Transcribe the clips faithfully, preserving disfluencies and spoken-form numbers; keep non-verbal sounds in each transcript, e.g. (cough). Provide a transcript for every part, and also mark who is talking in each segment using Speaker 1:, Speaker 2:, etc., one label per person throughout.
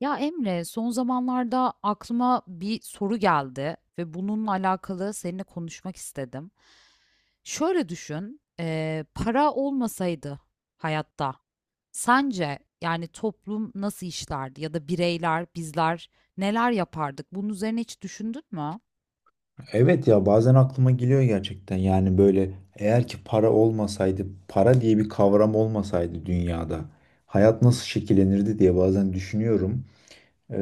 Speaker 1: Ya Emre, son zamanlarda aklıma bir soru geldi ve bununla alakalı seninle konuşmak istedim. Şöyle düşün, eee, para olmasaydı hayatta, sence yani toplum nasıl işlerdi ya da bireyler, bizler neler yapardık? Bunun üzerine hiç düşündün mü?
Speaker 2: Evet, ya bazen aklıma geliyor gerçekten yani böyle eğer ki para olmasaydı para diye bir kavram olmasaydı dünyada hayat nasıl şekillenirdi diye bazen düşünüyorum. Ee,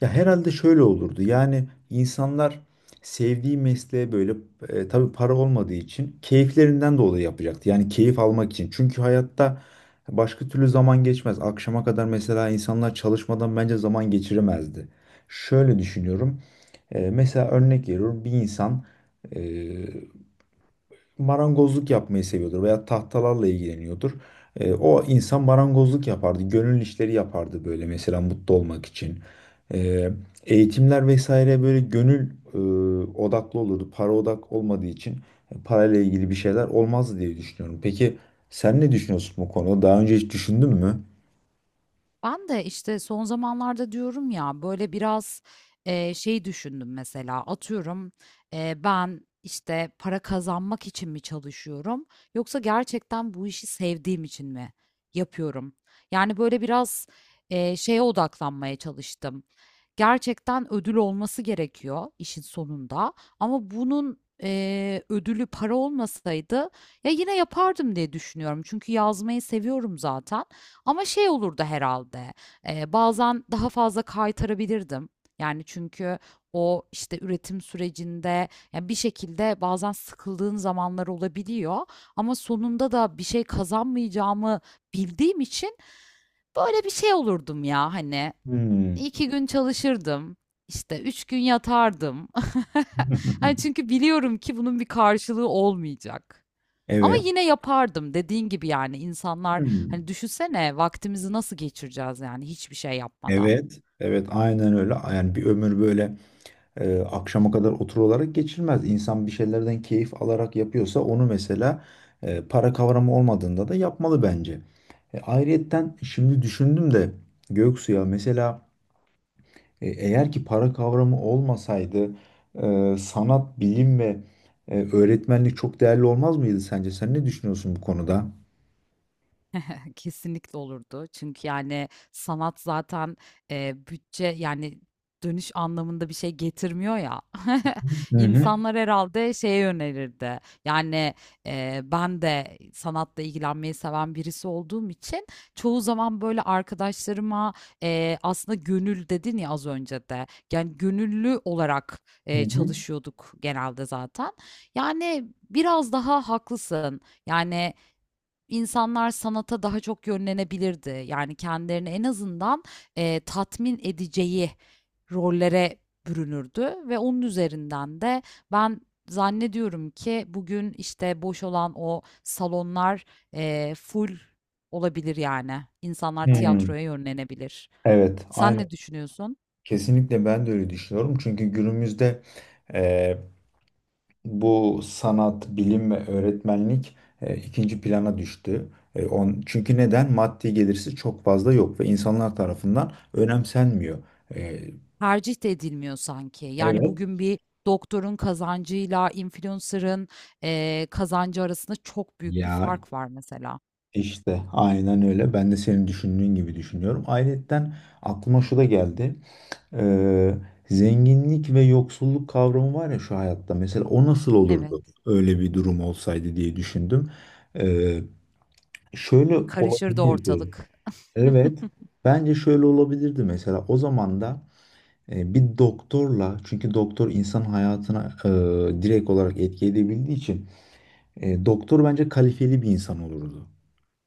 Speaker 2: ya herhalde şöyle olurdu yani insanlar sevdiği mesleğe böyle e, tabii para olmadığı için keyiflerinden dolayı yapacaktı yani keyif almak için çünkü hayatta başka türlü zaman geçmez akşama kadar mesela insanlar çalışmadan bence zaman geçiremezdi. Şöyle düşünüyorum. Ee, mesela örnek veriyorum bir insan e, marangozluk yapmayı seviyordur veya tahtalarla ilgileniyordur. E, o insan marangozluk yapardı, gönül işleri yapardı böyle mesela mutlu olmak için. E, eğitimler vesaire böyle gönül e, odaklı olurdu. Para odak olmadığı için e, parayla ilgili bir şeyler olmazdı diye düşünüyorum. Peki sen ne düşünüyorsun bu konuda? Daha önce hiç düşündün mü?
Speaker 1: Ben de işte son zamanlarda diyorum ya böyle biraz eee, şey düşündüm. Mesela atıyorum, eee, ben işte para kazanmak için mi çalışıyorum yoksa gerçekten bu işi sevdiğim için mi yapıyorum? Yani böyle biraz eee, şeye odaklanmaya çalıştım. Gerçekten ödül olması gerekiyor işin sonunda ama bunun eee, ödülü para olmasaydı ya yine yapardım diye düşünüyorum. Çünkü yazmayı seviyorum zaten. Ama şey olurdu herhalde. Eee, bazen daha fazla kaytarabilirdim. Yani, çünkü o, işte, üretim sürecinde, ya, bir şekilde bazen sıkıldığın zamanlar olabiliyor ama sonunda da bir şey kazanmayacağımı bildiğim için böyle bir şey olurdum ya, hani,
Speaker 2: Hmm.
Speaker 1: iki gün çalışırdım, işte, üç gün yatardım. (laughs) Hani, çünkü
Speaker 2: (laughs)
Speaker 1: biliyorum ki bunun bir karşılığı olmayacak. Ama
Speaker 2: Evet.
Speaker 1: yine yapardım dediğin gibi. Yani insanlar, hani,
Speaker 2: Hmm.
Speaker 1: düşünsene vaktimizi nasıl geçireceğiz yani hiçbir şey yapmadan.
Speaker 2: Evet. Evet, aynen öyle. Yani bir ömür böyle Ee, akşama kadar oturularak olarak geçirmez. İnsan bir şeylerden keyif alarak yapıyorsa onu mesela e, para kavramı olmadığında da yapmalı bence. E, ayrıyetten şimdi düşündüm de Göksu ya mesela e, eğer ki para kavramı olmasaydı e, sanat, bilim ve e, öğretmenlik çok değerli olmaz mıydı sence? Sen ne düşünüyorsun bu konuda?
Speaker 1: (laughs) Kesinlikle olurdu. Çünkü yani sanat zaten, eee, bütçe yani dönüş anlamında bir şey getirmiyor ya. (laughs)
Speaker 2: Hı hı.
Speaker 1: İnsanlar herhâlde şeye yönelirdi. Yani, eee, ben de sanatla ilgilenmeyi seven birisi olduğum için çoğu zaman böyle arkadaşlarıma, eee, aslında gönül dedin ya az önce de, yani gönüllü olarak,
Speaker 2: Hı
Speaker 1: eee,
Speaker 2: hı.
Speaker 1: çalışıyorduk genelde zaten. Yani biraz daha haklısın. Yani İnsanlar sanata daha çok yönlenebilirdi. Yani kendilerini en azından, eee, tatmin edeceği rollere bürünürdü ve onun üzerinden de ben zannediyorum ki bugün, işte, boş olan o salonlar, eee, full olabilir yani. İnsanlar
Speaker 2: Hmm,
Speaker 1: tiyatroya yönlenebilir.
Speaker 2: evet,
Speaker 1: Sen
Speaker 2: aynı.
Speaker 1: ne düşünüyorsun?
Speaker 2: Kesinlikle ben de öyle düşünüyorum. Çünkü günümüzde bu sanat, bilim ve öğretmenlik e, ikinci plana düştü. E, on, çünkü neden? Maddi gelirsi çok fazla yok ve insanlar tarafından önemsenmiyor. E,
Speaker 1: Tercih de edilmiyor sanki. Yani
Speaker 2: Evet.
Speaker 1: bugün bir doktorun kazancıyla influencer'ın, eee, kazancı arasında çok büyük bir
Speaker 2: Ya,
Speaker 1: fark var mesela.
Speaker 2: işte aynen öyle. Ben de senin düşündüğün gibi düşünüyorum. Ayrıyeten aklıma şu da geldi. Ee, zenginlik ve yoksulluk kavramı var ya şu hayatta. Mesela o nasıl
Speaker 1: Evet,
Speaker 2: olurdu öyle bir durum olsaydı diye düşündüm. Ee, şöyle
Speaker 1: karışırdı
Speaker 2: olabilirdi.
Speaker 1: ortalık.
Speaker 2: Evet.
Speaker 1: (laughs)
Speaker 2: Bence şöyle olabilirdi mesela o zaman da e, bir doktorla çünkü doktor insan hayatına e, direkt olarak etki edebildiği için e, doktor bence kalifeli bir insan olurdu.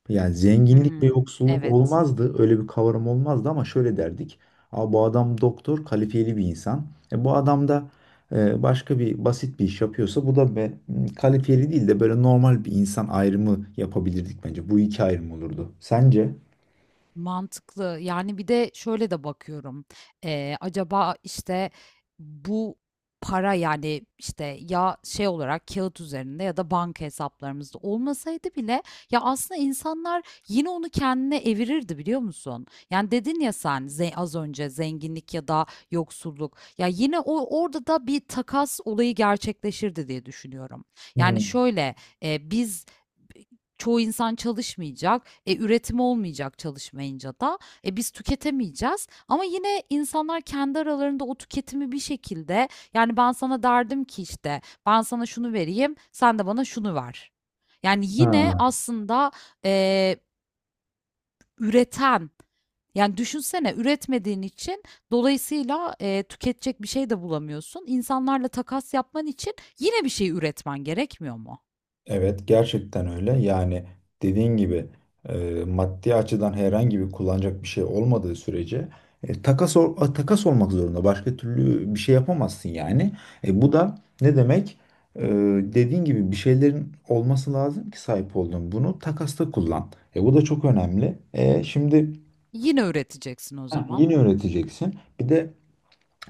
Speaker 2: Yani zenginlik ve
Speaker 1: Hımm,
Speaker 2: yoksulluk
Speaker 1: evet.
Speaker 2: olmazdı. Öyle bir kavram olmazdı ama şöyle derdik. Aa, bu adam doktor, kalifeli bir insan. E, bu adam da e, başka bir basit bir iş yapıyorsa bu da be, kalifeli değil de böyle normal bir insan ayrımı yapabilirdik bence. Bu iki ayrım olurdu. Sence?
Speaker 1: Mantıklı. Yani bir de şöyle de bakıyorum. Ee, acaba işte bu para, yani işte ya şey olarak kağıt üzerinde ya da banka hesaplarımızda olmasaydı bile, ya aslında insanlar yine onu kendine evirirdi, biliyor musun? Yani dedin ya sen, ze- az önce zenginlik ya da yoksulluk. Ya yine o orada da bir takas olayı gerçekleşirdi diye düşünüyorum. Yani
Speaker 2: Hmm.
Speaker 1: şöyle, e, biz, çoğu insan çalışmayacak. E, üretim olmayacak çalışmayınca da. E, biz tüketemeyeceğiz. Ama yine insanlar kendi aralarında o tüketimi bir şekilde, yani ben sana derdim ki işte ben sana şunu vereyim sen de bana şunu ver. Yani yine
Speaker 2: Ha.
Speaker 1: aslında, e, üreten, yani düşünsene, üretmediğin için dolayısıyla e, tüketecek bir şey de bulamıyorsun. İnsanlarla takas yapman için yine bir şey üretmen gerekmiyor mu?
Speaker 2: Evet, gerçekten öyle. Yani dediğin gibi e, maddi açıdan herhangi bir kullanacak bir şey olmadığı sürece e, takas ol- a, takas olmak zorunda. Başka türlü bir şey yapamazsın yani. E, bu da ne demek? E, dediğin gibi bir şeylerin olması lazım ki sahip olduğun bunu takasta kullan. E, bu da çok önemli. E, şimdi
Speaker 1: Yine üreteceksin o
Speaker 2: Heh,
Speaker 1: zaman.
Speaker 2: yeni öğreteceksin. Bir de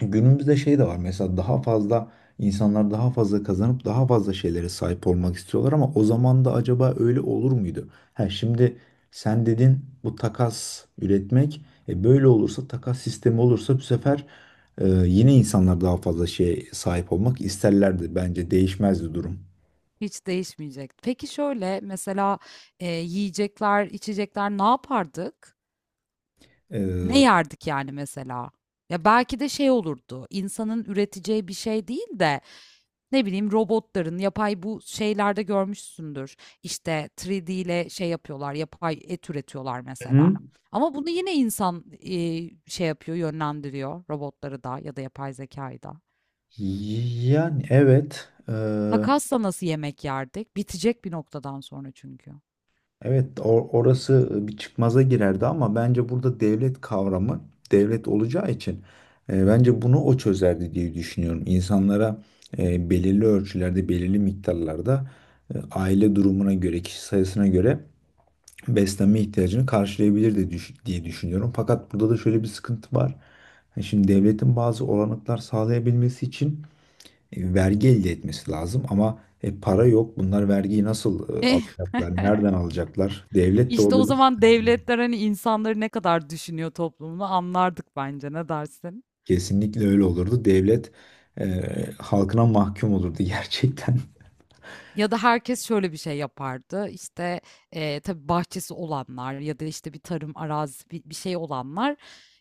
Speaker 2: günümüzde şey de var mesela, daha fazla insanlar daha fazla kazanıp daha fazla şeylere sahip olmak istiyorlar ama o zaman da acaba öyle olur muydu? Ha, şimdi sen dedin bu takas üretmek, e, böyle olursa takas sistemi olursa bu sefer e, yine insanlar daha fazla şeye sahip olmak isterlerdi bence değişmezdi durum.
Speaker 1: Hiç değişmeyecek. Peki şöyle mesela, eee, yiyecekler, içecekler ne yapardık? Ne yerdik yani mesela? Ya belki de şey olurdu, insanın üreteceği bir şey değil de, ne bileyim, robotların, yapay bu şeylerde görmüşsündür. İşte üç D ile şey yapıyorlar, yapay et üretiyorlar mesela.
Speaker 2: Hı.
Speaker 1: Ama bunu yine insan, eee, şey yapıyor, yönlendiriyor robotları da ya da yapay zekayı da.
Speaker 2: Yani evet e,
Speaker 1: Makasla nasıl yemek yerdik? Bitecek bir noktadan sonra çünkü.
Speaker 2: Evet, o- orası bir çıkmaza girerdi ama bence burada devlet kavramı devlet olacağı için e, bence bunu o çözerdi diye düşünüyorum. İnsanlara e, belirli ölçülerde, belirli miktarlarda e, aile durumuna göre, kişi sayısına göre beslenme ihtiyacını karşılayabilirdi düş- diye düşünüyorum. Fakat burada da şöyle bir sıkıntı var. E, Şimdi devletin bazı olanaklar sağlayabilmesi için e, vergi elde etmesi lazım ama e, para yok. Bunlar vergiyi nasıl e,
Speaker 1: (laughs)
Speaker 2: alacaklar? Nereden alacaklar? Devlet de
Speaker 1: İşte o
Speaker 2: orada bir
Speaker 1: zaman
Speaker 2: sıkıntı.
Speaker 1: devletler hani insanları ne kadar düşünüyor toplumunu anlardık bence. Ne dersin?
Speaker 2: Kesinlikle öyle olurdu. Devlet e, halkına mahkum olurdu (laughs) gerçekten.
Speaker 1: Ya da herkes şöyle bir şey yapardı. İşte, eee, tabii bahçesi olanlar ya da, işte, bir tarım arazisi bi bir şey olanlar,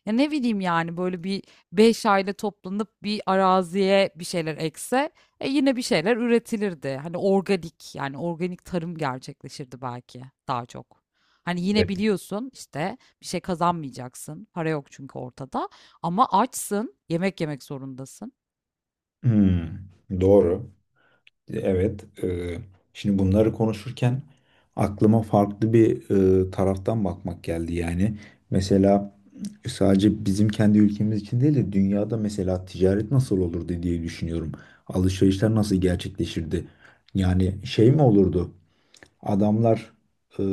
Speaker 1: ya, ne bileyim, yani, böyle bir beş aile toplanıp bir araziye bir şeyler ekse, e, yine bir şeyler üretilirdi. Hani, organik, yani, organik tarım gerçekleşirdi belki daha çok. Hani, yine
Speaker 2: Evet.
Speaker 1: biliyorsun, işte, bir şey kazanmayacaksın. Para yok çünkü ortada ama açsın, yemek yemek zorundasın.
Speaker 2: Hmm, doğru. Evet, e, şimdi bunları konuşurken aklıma farklı bir e, taraftan bakmak geldi yani. Mesela sadece bizim kendi ülkemiz için değil de dünyada mesela ticaret nasıl olurdu diye düşünüyorum. Alışverişler nasıl gerçekleşirdi? Yani şey mi olurdu? Adamlar e,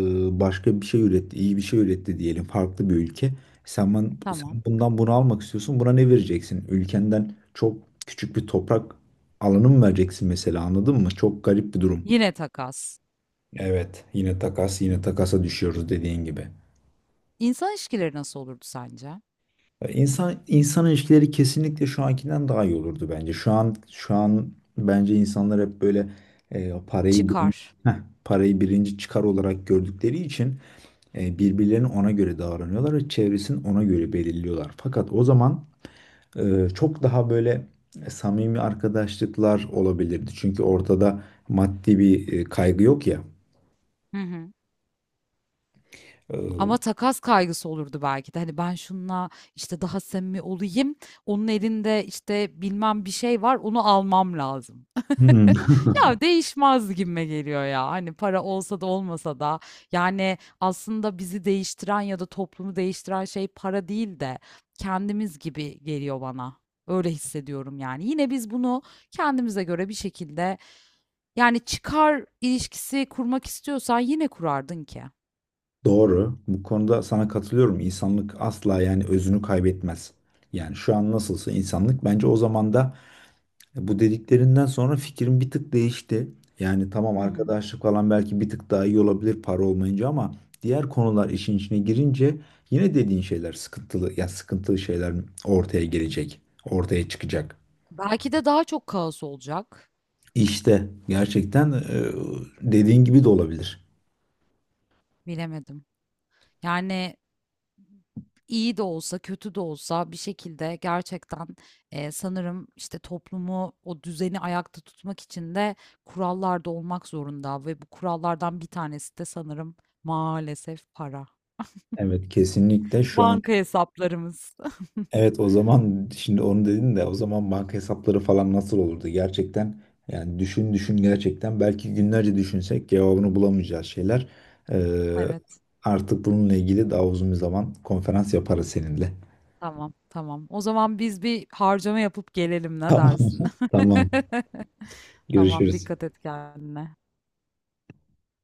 Speaker 2: başka bir şey üretti, iyi bir şey üretti diyelim farklı bir ülke. Sen, ben,
Speaker 1: Tamam.
Speaker 2: sen bundan bunu almak istiyorsun. Buna ne vereceksin? Ülkenden çok küçük bir toprak alanı mı vereceksin mesela, anladın mı? Çok garip bir durum.
Speaker 1: Yine takas.
Speaker 2: Evet, yine takas, yine takasa düşüyoruz dediğin gibi.
Speaker 1: İnsan ilişkileri nasıl olurdu sence?
Speaker 2: Ya İnsan insan ilişkileri kesinlikle şu ankinden daha iyi olurdu bence. Şu an şu an bence insanlar hep böyle e, parayı birinci,
Speaker 1: Çıkar.
Speaker 2: heh, parayı birinci çıkar olarak gördükleri için E, birbirlerine ona göre davranıyorlar ve çevresini ona göre belirliyorlar. Fakat o zaman e, çok daha böyle samimi arkadaşlıklar olabilirdi. Çünkü ortada maddi bir e, kaygı yok ya.
Speaker 1: Hı hı.
Speaker 2: E,
Speaker 1: Ama takas kaygısı olurdu belki de. Hani ben şununla işte daha samimi olayım. Onun elinde işte bilmem bir şey var. Onu almam lazım.
Speaker 2: Hmm.
Speaker 1: (laughs) Ya değişmez gibime geliyor ya. Hani para olsa da olmasa da, yani aslında bizi değiştiren ya da toplumu değiştiren şey para değil de kendimiz gibi geliyor bana. Öyle hissediyorum yani. Yine biz bunu kendimize göre bir şekilde, yani çıkar ilişkisi kurmak istiyorsan yine kurardın ki.
Speaker 2: (laughs) Doğru. Bu konuda sana katılıyorum. İnsanlık asla yani özünü kaybetmez. Yani şu an nasılsa insanlık bence o zaman da... E, Bu dediklerinden sonra fikrim bir tık değişti. Yani tamam arkadaşlık falan belki bir tık daha iyi olabilir para olmayınca ama diğer konular işin içine girince yine dediğin şeyler sıkıntılı, ya sıkıntılı şeyler ortaya gelecek, ortaya çıkacak.
Speaker 1: Belki de daha çok kaos olacak.
Speaker 2: İşte gerçekten e, dediğin gibi de olabilir.
Speaker 1: Bilemedim. Yani iyi de olsa, kötü de olsa bir şekilde gerçekten e, sanırım işte toplumu, o düzeni ayakta tutmak için de kurallar da olmak zorunda ve bu kurallardan bir tanesi de sanırım maalesef para.
Speaker 2: Evet, kesinlikle şu an...
Speaker 1: Banka hesaplarımız. (laughs)
Speaker 2: Evet, o zaman şimdi onu dedin de, o zaman banka hesapları falan nasıl olurdu? Gerçekten yani düşün düşün gerçekten belki günlerce düşünsek cevabını bulamayacağız şeyler. Ee,
Speaker 1: Evet.
Speaker 2: artık bununla ilgili daha uzun bir zaman konferans yaparız seninle.
Speaker 1: Tamam, tamam. O zaman biz bir harcama yapıp gelelim,
Speaker 2: (laughs)
Speaker 1: ne
Speaker 2: Tamam.
Speaker 1: dersin?
Speaker 2: Tamam. Tamam.
Speaker 1: (laughs) Tamam,
Speaker 2: Görüşürüz.
Speaker 1: dikkat et kendine.